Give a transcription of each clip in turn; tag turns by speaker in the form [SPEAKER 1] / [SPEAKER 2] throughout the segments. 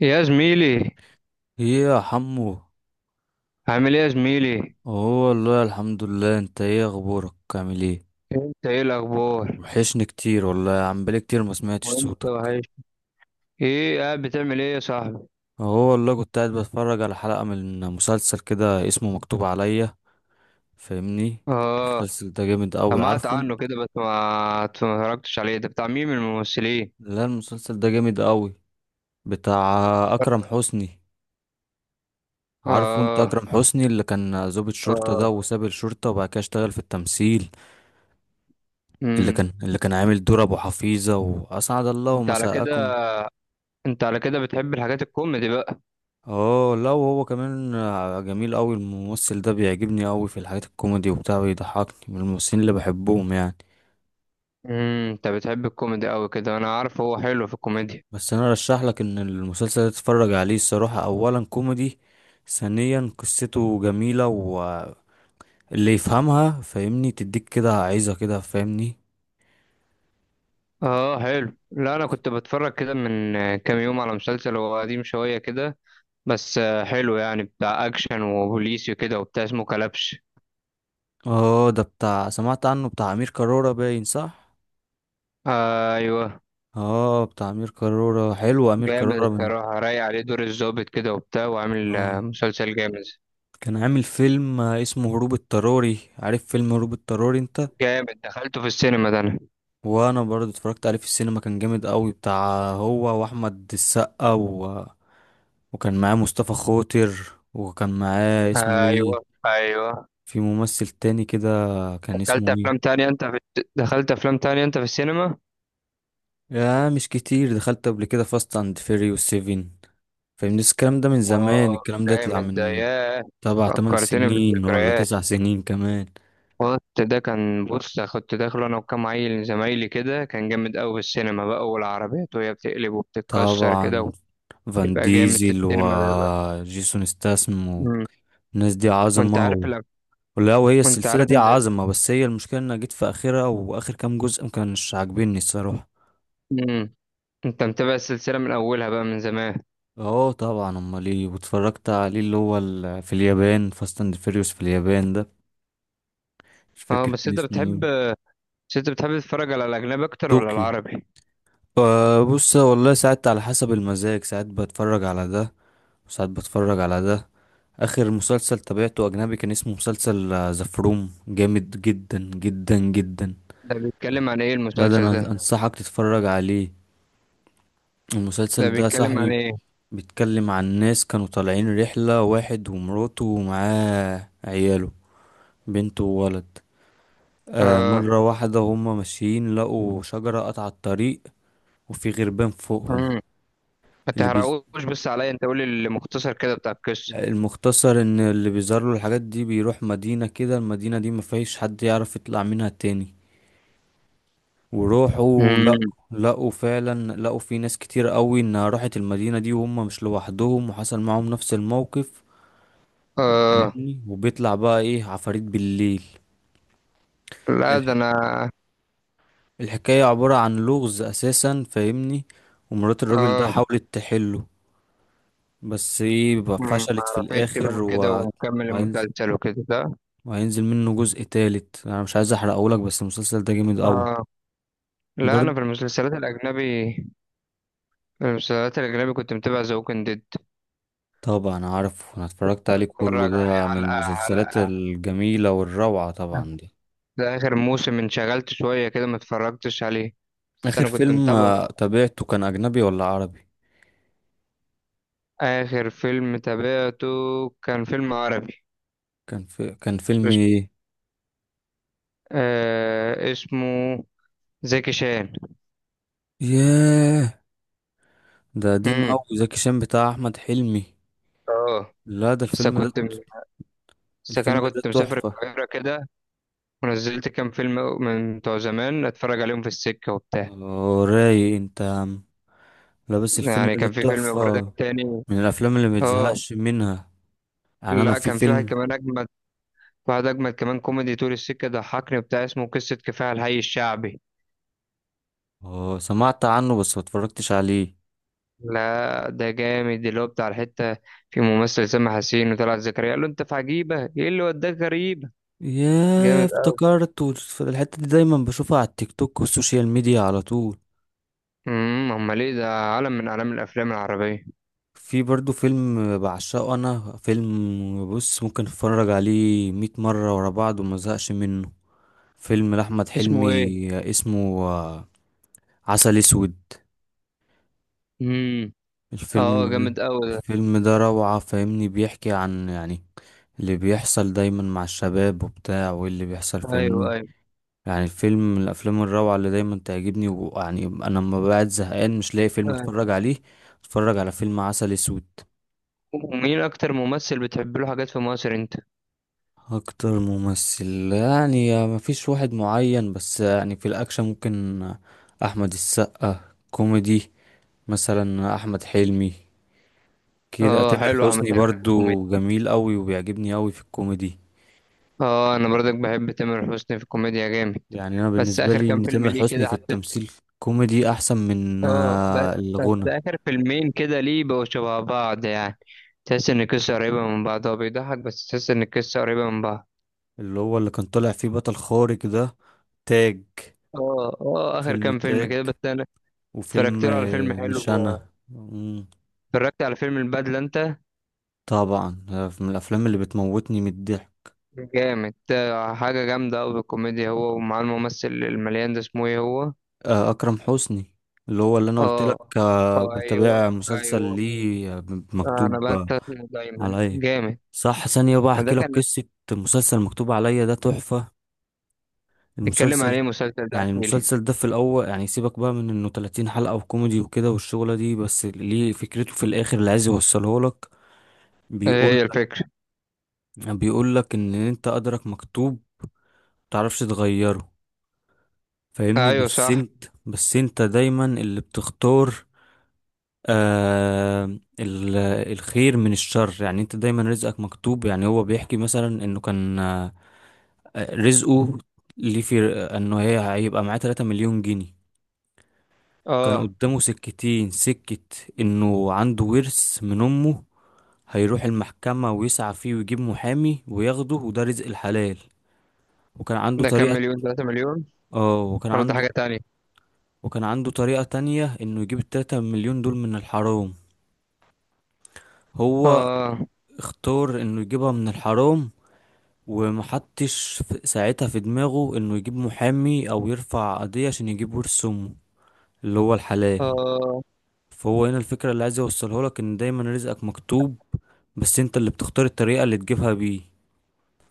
[SPEAKER 1] يا زميلي،
[SPEAKER 2] ايه يا حمو.
[SPEAKER 1] عامل ايه يا زميلي؟
[SPEAKER 2] هو والله الحمد لله، انت ايه اخبارك، عامل ايه؟
[SPEAKER 1] انت ايه الاخبار؟
[SPEAKER 2] وحشني كتير والله يا عم، بقالي كتير ما سمعتش
[SPEAKER 1] وانت
[SPEAKER 2] صوتك.
[SPEAKER 1] وحش. ايه قاعد بتعمل ايه يا صاحبي؟
[SPEAKER 2] هو والله كنت قاعد بتفرج على حلقة من مسلسل كده اسمه مكتوب عليا، فاهمني؟
[SPEAKER 1] اه.
[SPEAKER 2] المسلسل ده جامد قوي،
[SPEAKER 1] سمعت
[SPEAKER 2] عارفه انت.
[SPEAKER 1] عنه كده بس ما اتفرجتش عليه، ده بتاع مين من الممثلين؟
[SPEAKER 2] لا، المسلسل ده جامد قوي، بتاع اكرم حسني، عارفه انت
[SPEAKER 1] اه.
[SPEAKER 2] اكرم حسني اللي كان ضابط شرطة ده
[SPEAKER 1] اه.
[SPEAKER 2] وساب الشرطة وبعد كده اشتغل في التمثيل. اللي
[SPEAKER 1] امم.
[SPEAKER 2] كان اللي كان عامل دور ابو حفيظة واسعد الله
[SPEAKER 1] انت على كده،
[SPEAKER 2] مساءكم.
[SPEAKER 1] انت على كده بتحب الحاجات الكوميدي بقى.
[SPEAKER 2] اه لا، وهو كمان جميل قوي الممثل ده، بيعجبني قوي في الحاجات الكوميدي وبتاع، بيضحكني من الممثلين اللي بحبهم يعني.
[SPEAKER 1] امم، انت بتحب الكوميدي قوي كده، انا عارف هو حلو في الكوميديا.
[SPEAKER 2] بس انا رشح لك ان المسلسل ده تتفرج عليه الصراحة، اولا كوميدي، ثانيا قصته جميلة، واللي يفهمها فاهمني تديك كده، عايزة كده، فاهمني؟
[SPEAKER 1] اه حلو. لا انا كنت بتفرج كده من كام يوم على مسلسل هو قديم شوية كده، بس حلو يعني، بتاع اكشن وبوليسي وكده وبتاع، اسمه كلبش.
[SPEAKER 2] اه ده بتاع سمعت عنه، بتاع امير كرارة باين، صح.
[SPEAKER 1] آه ايوه،
[SPEAKER 2] اه بتاع امير كرارة، حلو امير
[SPEAKER 1] جامد
[SPEAKER 2] كرارة من...
[SPEAKER 1] الصراحه، رايق عليه دور الضابط كده وبتاع وعامل،
[SPEAKER 2] اه
[SPEAKER 1] مسلسل جامد.
[SPEAKER 2] كان عامل فيلم اسمه هروب اضطراري، عارف فيلم هروب اضطراري انت.
[SPEAKER 1] جامد، دخلته في السينما ده انا.
[SPEAKER 2] وانا برضه اتفرجت عليه في السينما، كان جامد قوي بتاع، هو واحمد السقا وكان معاه مصطفى خاطر، وكان معاه اسمه
[SPEAKER 1] ايوه
[SPEAKER 2] ايه،
[SPEAKER 1] ايوه.
[SPEAKER 2] في ممثل تاني كده، كان
[SPEAKER 1] دخلت
[SPEAKER 2] اسمه
[SPEAKER 1] افلام
[SPEAKER 2] ايه.
[SPEAKER 1] تانية انت في... دخلت افلام تانية انت في السينما؟
[SPEAKER 2] يا مش كتير، دخلت قبل كده فاست اند فيري والسيفين، فاهمني، بس الكلام ده من زمان،
[SPEAKER 1] اه
[SPEAKER 2] الكلام ده يطلع
[SPEAKER 1] جامد ده،
[SPEAKER 2] من
[SPEAKER 1] ياه
[SPEAKER 2] تبع تمن
[SPEAKER 1] فكرتني
[SPEAKER 2] سنين ولا
[SPEAKER 1] بالذكريات.
[SPEAKER 2] تسع سنين كمان.
[SPEAKER 1] كنت، ده كان، بص كنت داخله انا وكام عيل زمايلي كده، كان جامد قوي في السينما بقى والعربيات وهي بتقلب وبتتكسر
[SPEAKER 2] طبعا،
[SPEAKER 1] كده.
[SPEAKER 2] فان
[SPEAKER 1] يبقى جامد في
[SPEAKER 2] ديزل
[SPEAKER 1] السينما بيبقى.
[SPEAKER 2] وجيسون ستاسم،
[SPEAKER 1] مم.
[SPEAKER 2] والناس دي
[SPEAKER 1] وانت عارف
[SPEAKER 2] عظمة.
[SPEAKER 1] الأف...
[SPEAKER 2] لا، وهي
[SPEAKER 1] وانت
[SPEAKER 2] السلسلة
[SPEAKER 1] عارف
[SPEAKER 2] دي
[SPEAKER 1] ان ال...
[SPEAKER 2] عظمة، بس هي المشكلة ان أنا جيت في اخرها، واخر كام جزء ما كانش عاجبني الصراحة.
[SPEAKER 1] مم. انت متابع السلسلة من اولها بقى من زمان؟
[SPEAKER 2] اه طبعا، امال ايه، واتفرجت عليه اللي هو في اليابان، فاست اند فيريوس في اليابان ده مش
[SPEAKER 1] اه.
[SPEAKER 2] فاكر
[SPEAKER 1] بس
[SPEAKER 2] كان
[SPEAKER 1] انت
[SPEAKER 2] اسمه
[SPEAKER 1] بتحب،
[SPEAKER 2] ايه.
[SPEAKER 1] بس انت بتحب تتفرج على الاجنبي اكتر ولا
[SPEAKER 2] طوكيو.
[SPEAKER 1] العربي؟
[SPEAKER 2] آه بص والله، ساعات على حسب المزاج، ساعات بتفرج على ده وساعات بتفرج على ده. اخر مسلسل تابعته اجنبي كان اسمه مسلسل ذا فروم، جامد جدا جدا جدا.
[SPEAKER 1] ده بيتكلم عن ايه
[SPEAKER 2] لا ده
[SPEAKER 1] المسلسل
[SPEAKER 2] انا
[SPEAKER 1] ده؟
[SPEAKER 2] انصحك تتفرج عليه،
[SPEAKER 1] ده
[SPEAKER 2] المسلسل ده يا
[SPEAKER 1] بيتكلم عن
[SPEAKER 2] صاحبي
[SPEAKER 1] ايه؟
[SPEAKER 2] بيتكلم عن ناس كانوا طالعين رحلة، واحد ومراته ومعاه عياله، بنت وولد. آه،
[SPEAKER 1] اه.
[SPEAKER 2] مرة واحدة هما ماشيين لقوا شجرة قطع الطريق وفي غربان فوقهم.
[SPEAKER 1] مم. ما
[SPEAKER 2] اللي بيز...
[SPEAKER 1] تحرقوش بس عليا، انت قولي المختصر كده بتاع القصة.
[SPEAKER 2] المختصر ان اللي بيظهر له الحاجات دي بيروح مدينة كده، المدينة دي مفيش حد يعرف يطلع منها تاني. وروحوا
[SPEAKER 1] مم.
[SPEAKER 2] لقوا فعلا لقوا في ناس كتير قوي انها راحت المدينة دي، وهم مش لوحدهم، وحصل معاهم نفس الموقف،
[SPEAKER 1] اه.
[SPEAKER 2] فاهمني؟ وبيطلع بقى ايه؟ عفاريت بالليل.
[SPEAKER 1] لا ده انا.
[SPEAKER 2] الحكاية عبارة عن لغز أساسا، فاهمني. ومرات الراجل ده
[SPEAKER 1] اه.
[SPEAKER 2] حاولت تحله، بس ايه بقى،
[SPEAKER 1] مم.
[SPEAKER 2] فشلت في
[SPEAKER 1] عرفت بقى
[SPEAKER 2] الآخر
[SPEAKER 1] كده
[SPEAKER 2] و...
[SPEAKER 1] ومكمل
[SPEAKER 2] وهينزل
[SPEAKER 1] المسلسل وكده ده.
[SPEAKER 2] وهينزل منه جزء تالت، أنا مش عايز أحرقهولك، بس المسلسل ده جامد أوي.
[SPEAKER 1] اه، لا انا
[SPEAKER 2] برضه
[SPEAKER 1] في المسلسلات الاجنبي، المسلسلات الأجنبي كنت متابع ذا ووكينج ديد.
[SPEAKER 2] طبعا عارف، أنا اتفرجت عليه كله،
[SPEAKER 1] بتفرج عليه
[SPEAKER 2] ده من
[SPEAKER 1] حلقة
[SPEAKER 2] المسلسلات
[SPEAKER 1] حلقة،
[SPEAKER 2] الجميلة والروعة طبعا دي.
[SPEAKER 1] ده آخر موسم انشغلت شوية كده ما اتفرجتش عليه، بس
[SPEAKER 2] آخر
[SPEAKER 1] أنا كنت
[SPEAKER 2] فيلم
[SPEAKER 1] متابعه من...
[SPEAKER 2] تابعته كان أجنبي ولا عربي؟
[SPEAKER 1] آخر فيلم تابعته كان فيلم عربي.
[SPEAKER 2] كان في... كان فيلم
[SPEAKER 1] مش-
[SPEAKER 2] ايه؟
[SPEAKER 1] آه اسمه زكي شان.
[SPEAKER 2] ياه، ده قديم
[SPEAKER 1] امم.
[SPEAKER 2] أوي زكي شان بتاع أحمد حلمي.
[SPEAKER 1] اه.
[SPEAKER 2] لا ده
[SPEAKER 1] بس
[SPEAKER 2] الفيلم ده،
[SPEAKER 1] كنت، بس
[SPEAKER 2] الفيلم
[SPEAKER 1] أنا
[SPEAKER 2] ده
[SPEAKER 1] كنت مسافر
[SPEAKER 2] تحفة.
[SPEAKER 1] القاهرة كده ونزلت كام فيلم من بتوع زمان أتفرج عليهم في السكة وبتاع.
[SPEAKER 2] رايق انت يا عم. لا بس الفيلم
[SPEAKER 1] يعني
[SPEAKER 2] ده
[SPEAKER 1] كان في فيلم برضه
[SPEAKER 2] تحفة،
[SPEAKER 1] تاني.
[SPEAKER 2] من الافلام اللي
[SPEAKER 1] اه
[SPEAKER 2] متزهقش منها. يعني انا
[SPEAKER 1] لا،
[SPEAKER 2] في
[SPEAKER 1] كان في واحد
[SPEAKER 2] فيلم...
[SPEAKER 1] كمان أجمد، بعد أجمل كمان، كوميدي طول السكة ضحكني بتاع، اسمه قصة كفاح الحي الشعبي.
[SPEAKER 2] سمعت عنه بس ما اتفرجتش عليه.
[SPEAKER 1] لا ده جامد، اللي هو بتاع الحتة، في ممثل سامح حسين وطلعت زكريا قال له أنت في عجيبة، إيه اللي وداك غريبة.
[SPEAKER 2] ياه
[SPEAKER 1] جامد أوي.
[SPEAKER 2] افتكرت، الحتة دي دايما بشوفها على التيك توك والسوشيال ميديا على طول.
[SPEAKER 1] أمم، أمال إيه، ده عالم من أعلام الأفلام العربية.
[SPEAKER 2] في برضو فيلم بعشقه انا، فيلم بص ممكن اتفرج عليه مية مرة ورا بعض وما زهقش منه، فيلم لأحمد
[SPEAKER 1] اسمه إيه؟
[SPEAKER 2] حلمي، اسمه عسل اسود.
[SPEAKER 1] أمم.
[SPEAKER 2] الفيلم
[SPEAKER 1] أه جامد أوي ده.
[SPEAKER 2] الفيلم ده روعة، فاهمني؟ بيحكي عن يعني اللي بيحصل دايما مع الشباب وبتاع، واللي بيحصل، فاهمني.
[SPEAKER 1] أيوه أيوه.
[SPEAKER 2] يعني الفيلم من الأفلام الروعة اللي دايما تعجبني، ويعني أنا لما بقعد زهقان مش لاقي فيلم
[SPEAKER 1] أيوه.
[SPEAKER 2] أتفرج عليه، أتفرج على فيلم عسل أسود.
[SPEAKER 1] ومين أكتر ممثل بتحب له حاجات في مصر أنت؟
[SPEAKER 2] أكتر ممثل، يعني مفيش واحد معين، بس يعني في الأكشن ممكن أحمد السقا، كوميدي مثلا أحمد حلمي، كده
[SPEAKER 1] أه
[SPEAKER 2] تامر
[SPEAKER 1] حلو، أحمد
[SPEAKER 2] حسني
[SPEAKER 1] حلمي في الكوميديا.
[SPEAKER 2] برضو جميل قوي وبيعجبني قوي في الكوميدي.
[SPEAKER 1] أه، أنا برضك بحب تامر حسني في الكوميديا جامد.
[SPEAKER 2] يعني انا
[SPEAKER 1] بس
[SPEAKER 2] بالنسبه
[SPEAKER 1] آخر
[SPEAKER 2] لي
[SPEAKER 1] كام
[SPEAKER 2] ان
[SPEAKER 1] فيلم
[SPEAKER 2] تامر
[SPEAKER 1] ليه
[SPEAKER 2] حسني في
[SPEAKER 1] كده،
[SPEAKER 2] التمثيل كوميدي احسن من
[SPEAKER 1] اه ب- بس
[SPEAKER 2] الغنى.
[SPEAKER 1] آخر فيلمين كده ليه بقوا شبه بعض يعني؟ تحس إن القصة قريبة من بعض، هو بيضحك بس تحس إن القصة قريبة من بعض.
[SPEAKER 2] اللي هو اللي كان طالع فيه بطل خارق ده، تاج،
[SPEAKER 1] اه اه، آخر
[SPEAKER 2] فيلم
[SPEAKER 1] كام فيلم
[SPEAKER 2] تاج،
[SPEAKER 1] كده بس أنا اتفرجت
[SPEAKER 2] وفيلم
[SPEAKER 1] له على فيلم
[SPEAKER 2] مش
[SPEAKER 1] حلو،
[SPEAKER 2] انا
[SPEAKER 1] اتفرجت على فيلم البدلة أنت؟
[SPEAKER 2] طبعا، من الافلام اللي بتموتني من الضحك.
[SPEAKER 1] جامد، ده حاجة جامدة أوي بالكوميديا، هو ومعاه الممثل المليان ده اسمه إيه هو؟
[SPEAKER 2] اكرم حسني اللي هو اللي انا قلت
[SPEAKER 1] اه.
[SPEAKER 2] لك
[SPEAKER 1] اه أيوه
[SPEAKER 2] بتابع مسلسل
[SPEAKER 1] أيوه.
[SPEAKER 2] ليه مكتوب
[SPEAKER 1] أنا بنسى اسمه دايما.
[SPEAKER 2] عليا.
[SPEAKER 1] جامد
[SPEAKER 2] صح، ثانيه بقى
[SPEAKER 1] ده
[SPEAKER 2] احكي لك
[SPEAKER 1] كان.
[SPEAKER 2] قصه، مسلسل مكتوب عليا ده تحفه.
[SPEAKER 1] اتكلم
[SPEAKER 2] المسلسل،
[SPEAKER 1] عليه مسلسل ده،
[SPEAKER 2] يعني
[SPEAKER 1] احكيلي.
[SPEAKER 2] المسلسل ده في الأول، يعني سيبك بقى من إنه 30 حلقة وكوميدي وكده والشغلة دي، بس ليه فكرته في الآخر اللي عايز يوصله لك،
[SPEAKER 1] إيه
[SPEAKER 2] بيقول
[SPEAKER 1] هي الفكرة؟
[SPEAKER 2] بيقول لك إن أنت قدرك مكتوب، متعرفش تغيره، فاهمني؟
[SPEAKER 1] أيوه
[SPEAKER 2] بس
[SPEAKER 1] صح.
[SPEAKER 2] أنت بس أنت دايما اللي بتختار آه ال- الخير من الشر. يعني أنت دايما رزقك مكتوب، يعني هو بيحكي مثلا إنه كان رزقه ليه، في إنه هي هيبقى معاه 3 مليون جنيه. كان
[SPEAKER 1] اه.
[SPEAKER 2] قدامه سكتين سكة، انه عنده ورث من امه، هيروح المحكمة ويسعى فيه ويجيب محامي وياخده وده رزق الحلال. وكان عنده
[SPEAKER 1] ده كام
[SPEAKER 2] طريقة
[SPEAKER 1] مليون؟ تلاتة مليون
[SPEAKER 2] اه وكان
[SPEAKER 1] ولا ده
[SPEAKER 2] عنده
[SPEAKER 1] حاجة تانية؟
[SPEAKER 2] وكان عنده طريقة تانية، انه يجيب التلاتة مليون دول من الحرام. هو
[SPEAKER 1] اه.
[SPEAKER 2] اختار انه يجيبها من الحرام، ومحطش ساعتها في دماغه انه يجيب محامي او يرفع قضية عشان يجيب ورث امه، اللي هو الحلال.
[SPEAKER 1] اه.
[SPEAKER 2] فهو هنا الفكرة اللي عايز يوصله لك، ان دايما رزقك مكتوب، بس انت اللي بتختار الطريقة اللي تجيبها بيه.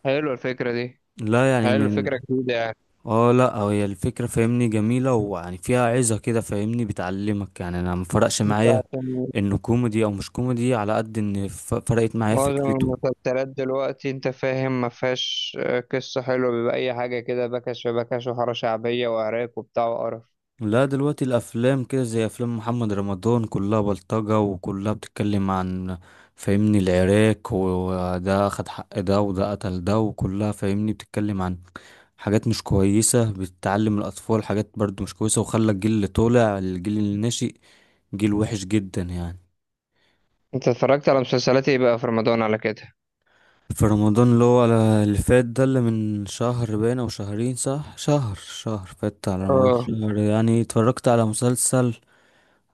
[SPEAKER 1] حلوة الفكرة دي،
[SPEAKER 2] لا، يعني
[SPEAKER 1] حلوة
[SPEAKER 2] من...
[SPEAKER 1] الفكرة، جديدة يعني.
[SPEAKER 2] اه لا، هي الفكرة فاهمني جميلة، ويعني فيها عظة كده، فاهمني؟ بتعلمك، يعني انا مفرقش
[SPEAKER 1] انت
[SPEAKER 2] معايا
[SPEAKER 1] عشان
[SPEAKER 2] انه كوميدي او مش كوميدي، على قد ان فرقت معايا
[SPEAKER 1] معظم
[SPEAKER 2] فكرته.
[SPEAKER 1] المسلسلات دلوقتي انت فاهم ما فيهاش قصة حلوة، بيبقى أي حاجة كده، بكش في بكش وحارة شعبية وعراك وبتاع وقرف.
[SPEAKER 2] لا دلوقتي الافلام كده زي افلام محمد رمضان، كلها بلطجة وكلها بتتكلم عن فاهمني العراك، وده اخد حق ده وده قتل ده، وكلها فاهمني بتتكلم عن حاجات مش كويسة، بتعلم الأطفال حاجات برضو مش كويسة، وخلى الجيل اللي طالع، الجيل اللي ناشئ جيل وحش جدا يعني.
[SPEAKER 1] انت اتفرجت على مسلسلات ايه بقى في رمضان على كده؟
[SPEAKER 2] في رمضان اللي هو اللي فات ده، اللي من شهر باين أو شهرين، صح، شهر فات على رمضان،
[SPEAKER 1] اه.
[SPEAKER 2] شهر يعني اتفرجت على مسلسل،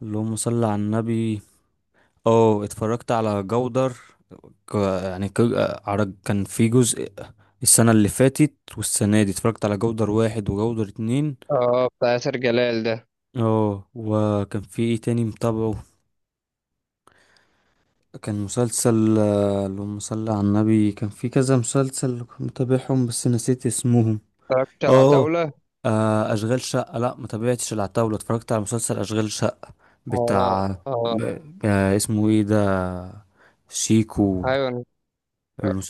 [SPEAKER 2] اللهم صل على النبي. اه، اتفرجت على جودر، ك- كان في جزء السنة اللي فاتت والسنة دي، اتفرجت على جودر واحد وجودر اتنين.
[SPEAKER 1] اه بتاع ياسر جلال ده.
[SPEAKER 2] اه وكان في ايه تاني متابعه، كان مسلسل اللهم صل على النبي، كان في كذا مسلسل كنت متابعهم بس نسيت اسمهم.
[SPEAKER 1] اتفرجت على
[SPEAKER 2] اه
[SPEAKER 1] عتاولة؟
[SPEAKER 2] اشغال شقة، لا ما تابعتش العتاولة، اتفرجت على مسلسل اشغال شقة
[SPEAKER 1] اه.
[SPEAKER 2] بتاع
[SPEAKER 1] اه
[SPEAKER 2] ب... اسمه ايه ده، شيكو.
[SPEAKER 1] ايوه.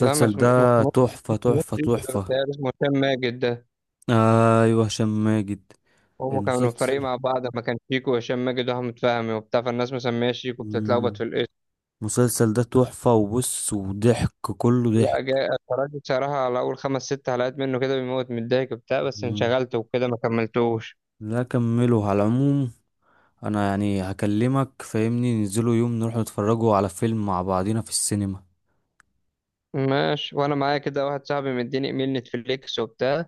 [SPEAKER 1] لا
[SPEAKER 2] ده
[SPEAKER 1] مش
[SPEAKER 2] تحفة تحفة
[SPEAKER 1] مش-
[SPEAKER 2] تحفة.
[SPEAKER 1] اسمه هشام ماجد ده.
[SPEAKER 2] ايوه هشام ماجد.
[SPEAKER 1] هم كانوا فريق
[SPEAKER 2] المسلسل
[SPEAKER 1] مع بعض، ما كان شيكو وهشام ماجد واحمد فهمي وبتاع، فالناس مسميه شيكو، بتتلخبط
[SPEAKER 2] مم.
[SPEAKER 1] في الاسم.
[SPEAKER 2] المسلسل ده تحفة، وبص وضحك، كله
[SPEAKER 1] لا
[SPEAKER 2] ضحك.
[SPEAKER 1] جاي، اتفرجت بصراحة على أول 5 6 حلقات منه كده، بيموت من الضحك وبتاع، بس
[SPEAKER 2] مم.
[SPEAKER 1] انشغلت وكده ما كملتوش.
[SPEAKER 2] لا كمله على العموم، انا يعني هكلمك فاهمني ننزلوا يوم نروح نتفرجوا على فيلم مع بعضينا في السينما.
[SPEAKER 1] ماشي، وأنا معايا كده واحد صاحبي مديني إيميل نتفليكس وبتاع،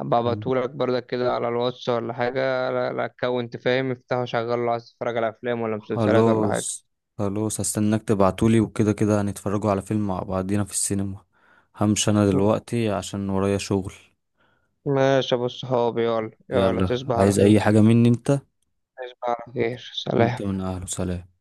[SPEAKER 1] أبقى
[SPEAKER 2] مم.
[SPEAKER 1] أبعتهولك برضك كده على الواتس ولا حاجة. لا أكونت، فاهم، افتحه شغله لو عايز تتفرج على أفلام ولا مسلسلات ولا حاجة.
[SPEAKER 2] خلاص، خلاص هستناك تبعتولي، وكده كده هنتفرجوا على فيلم مع بعضينا في السينما، همشي انا دلوقتي عشان ورايا شغل.
[SPEAKER 1] ماشي يا أبو الصحاب، يلا يلا،
[SPEAKER 2] يلا،
[SPEAKER 1] تصبح على
[SPEAKER 2] عايز
[SPEAKER 1] خير.
[SPEAKER 2] اي حاجة مني انت؟
[SPEAKER 1] تصبح على خير،
[SPEAKER 2] وانت
[SPEAKER 1] سلام.
[SPEAKER 2] من اهله، سلام.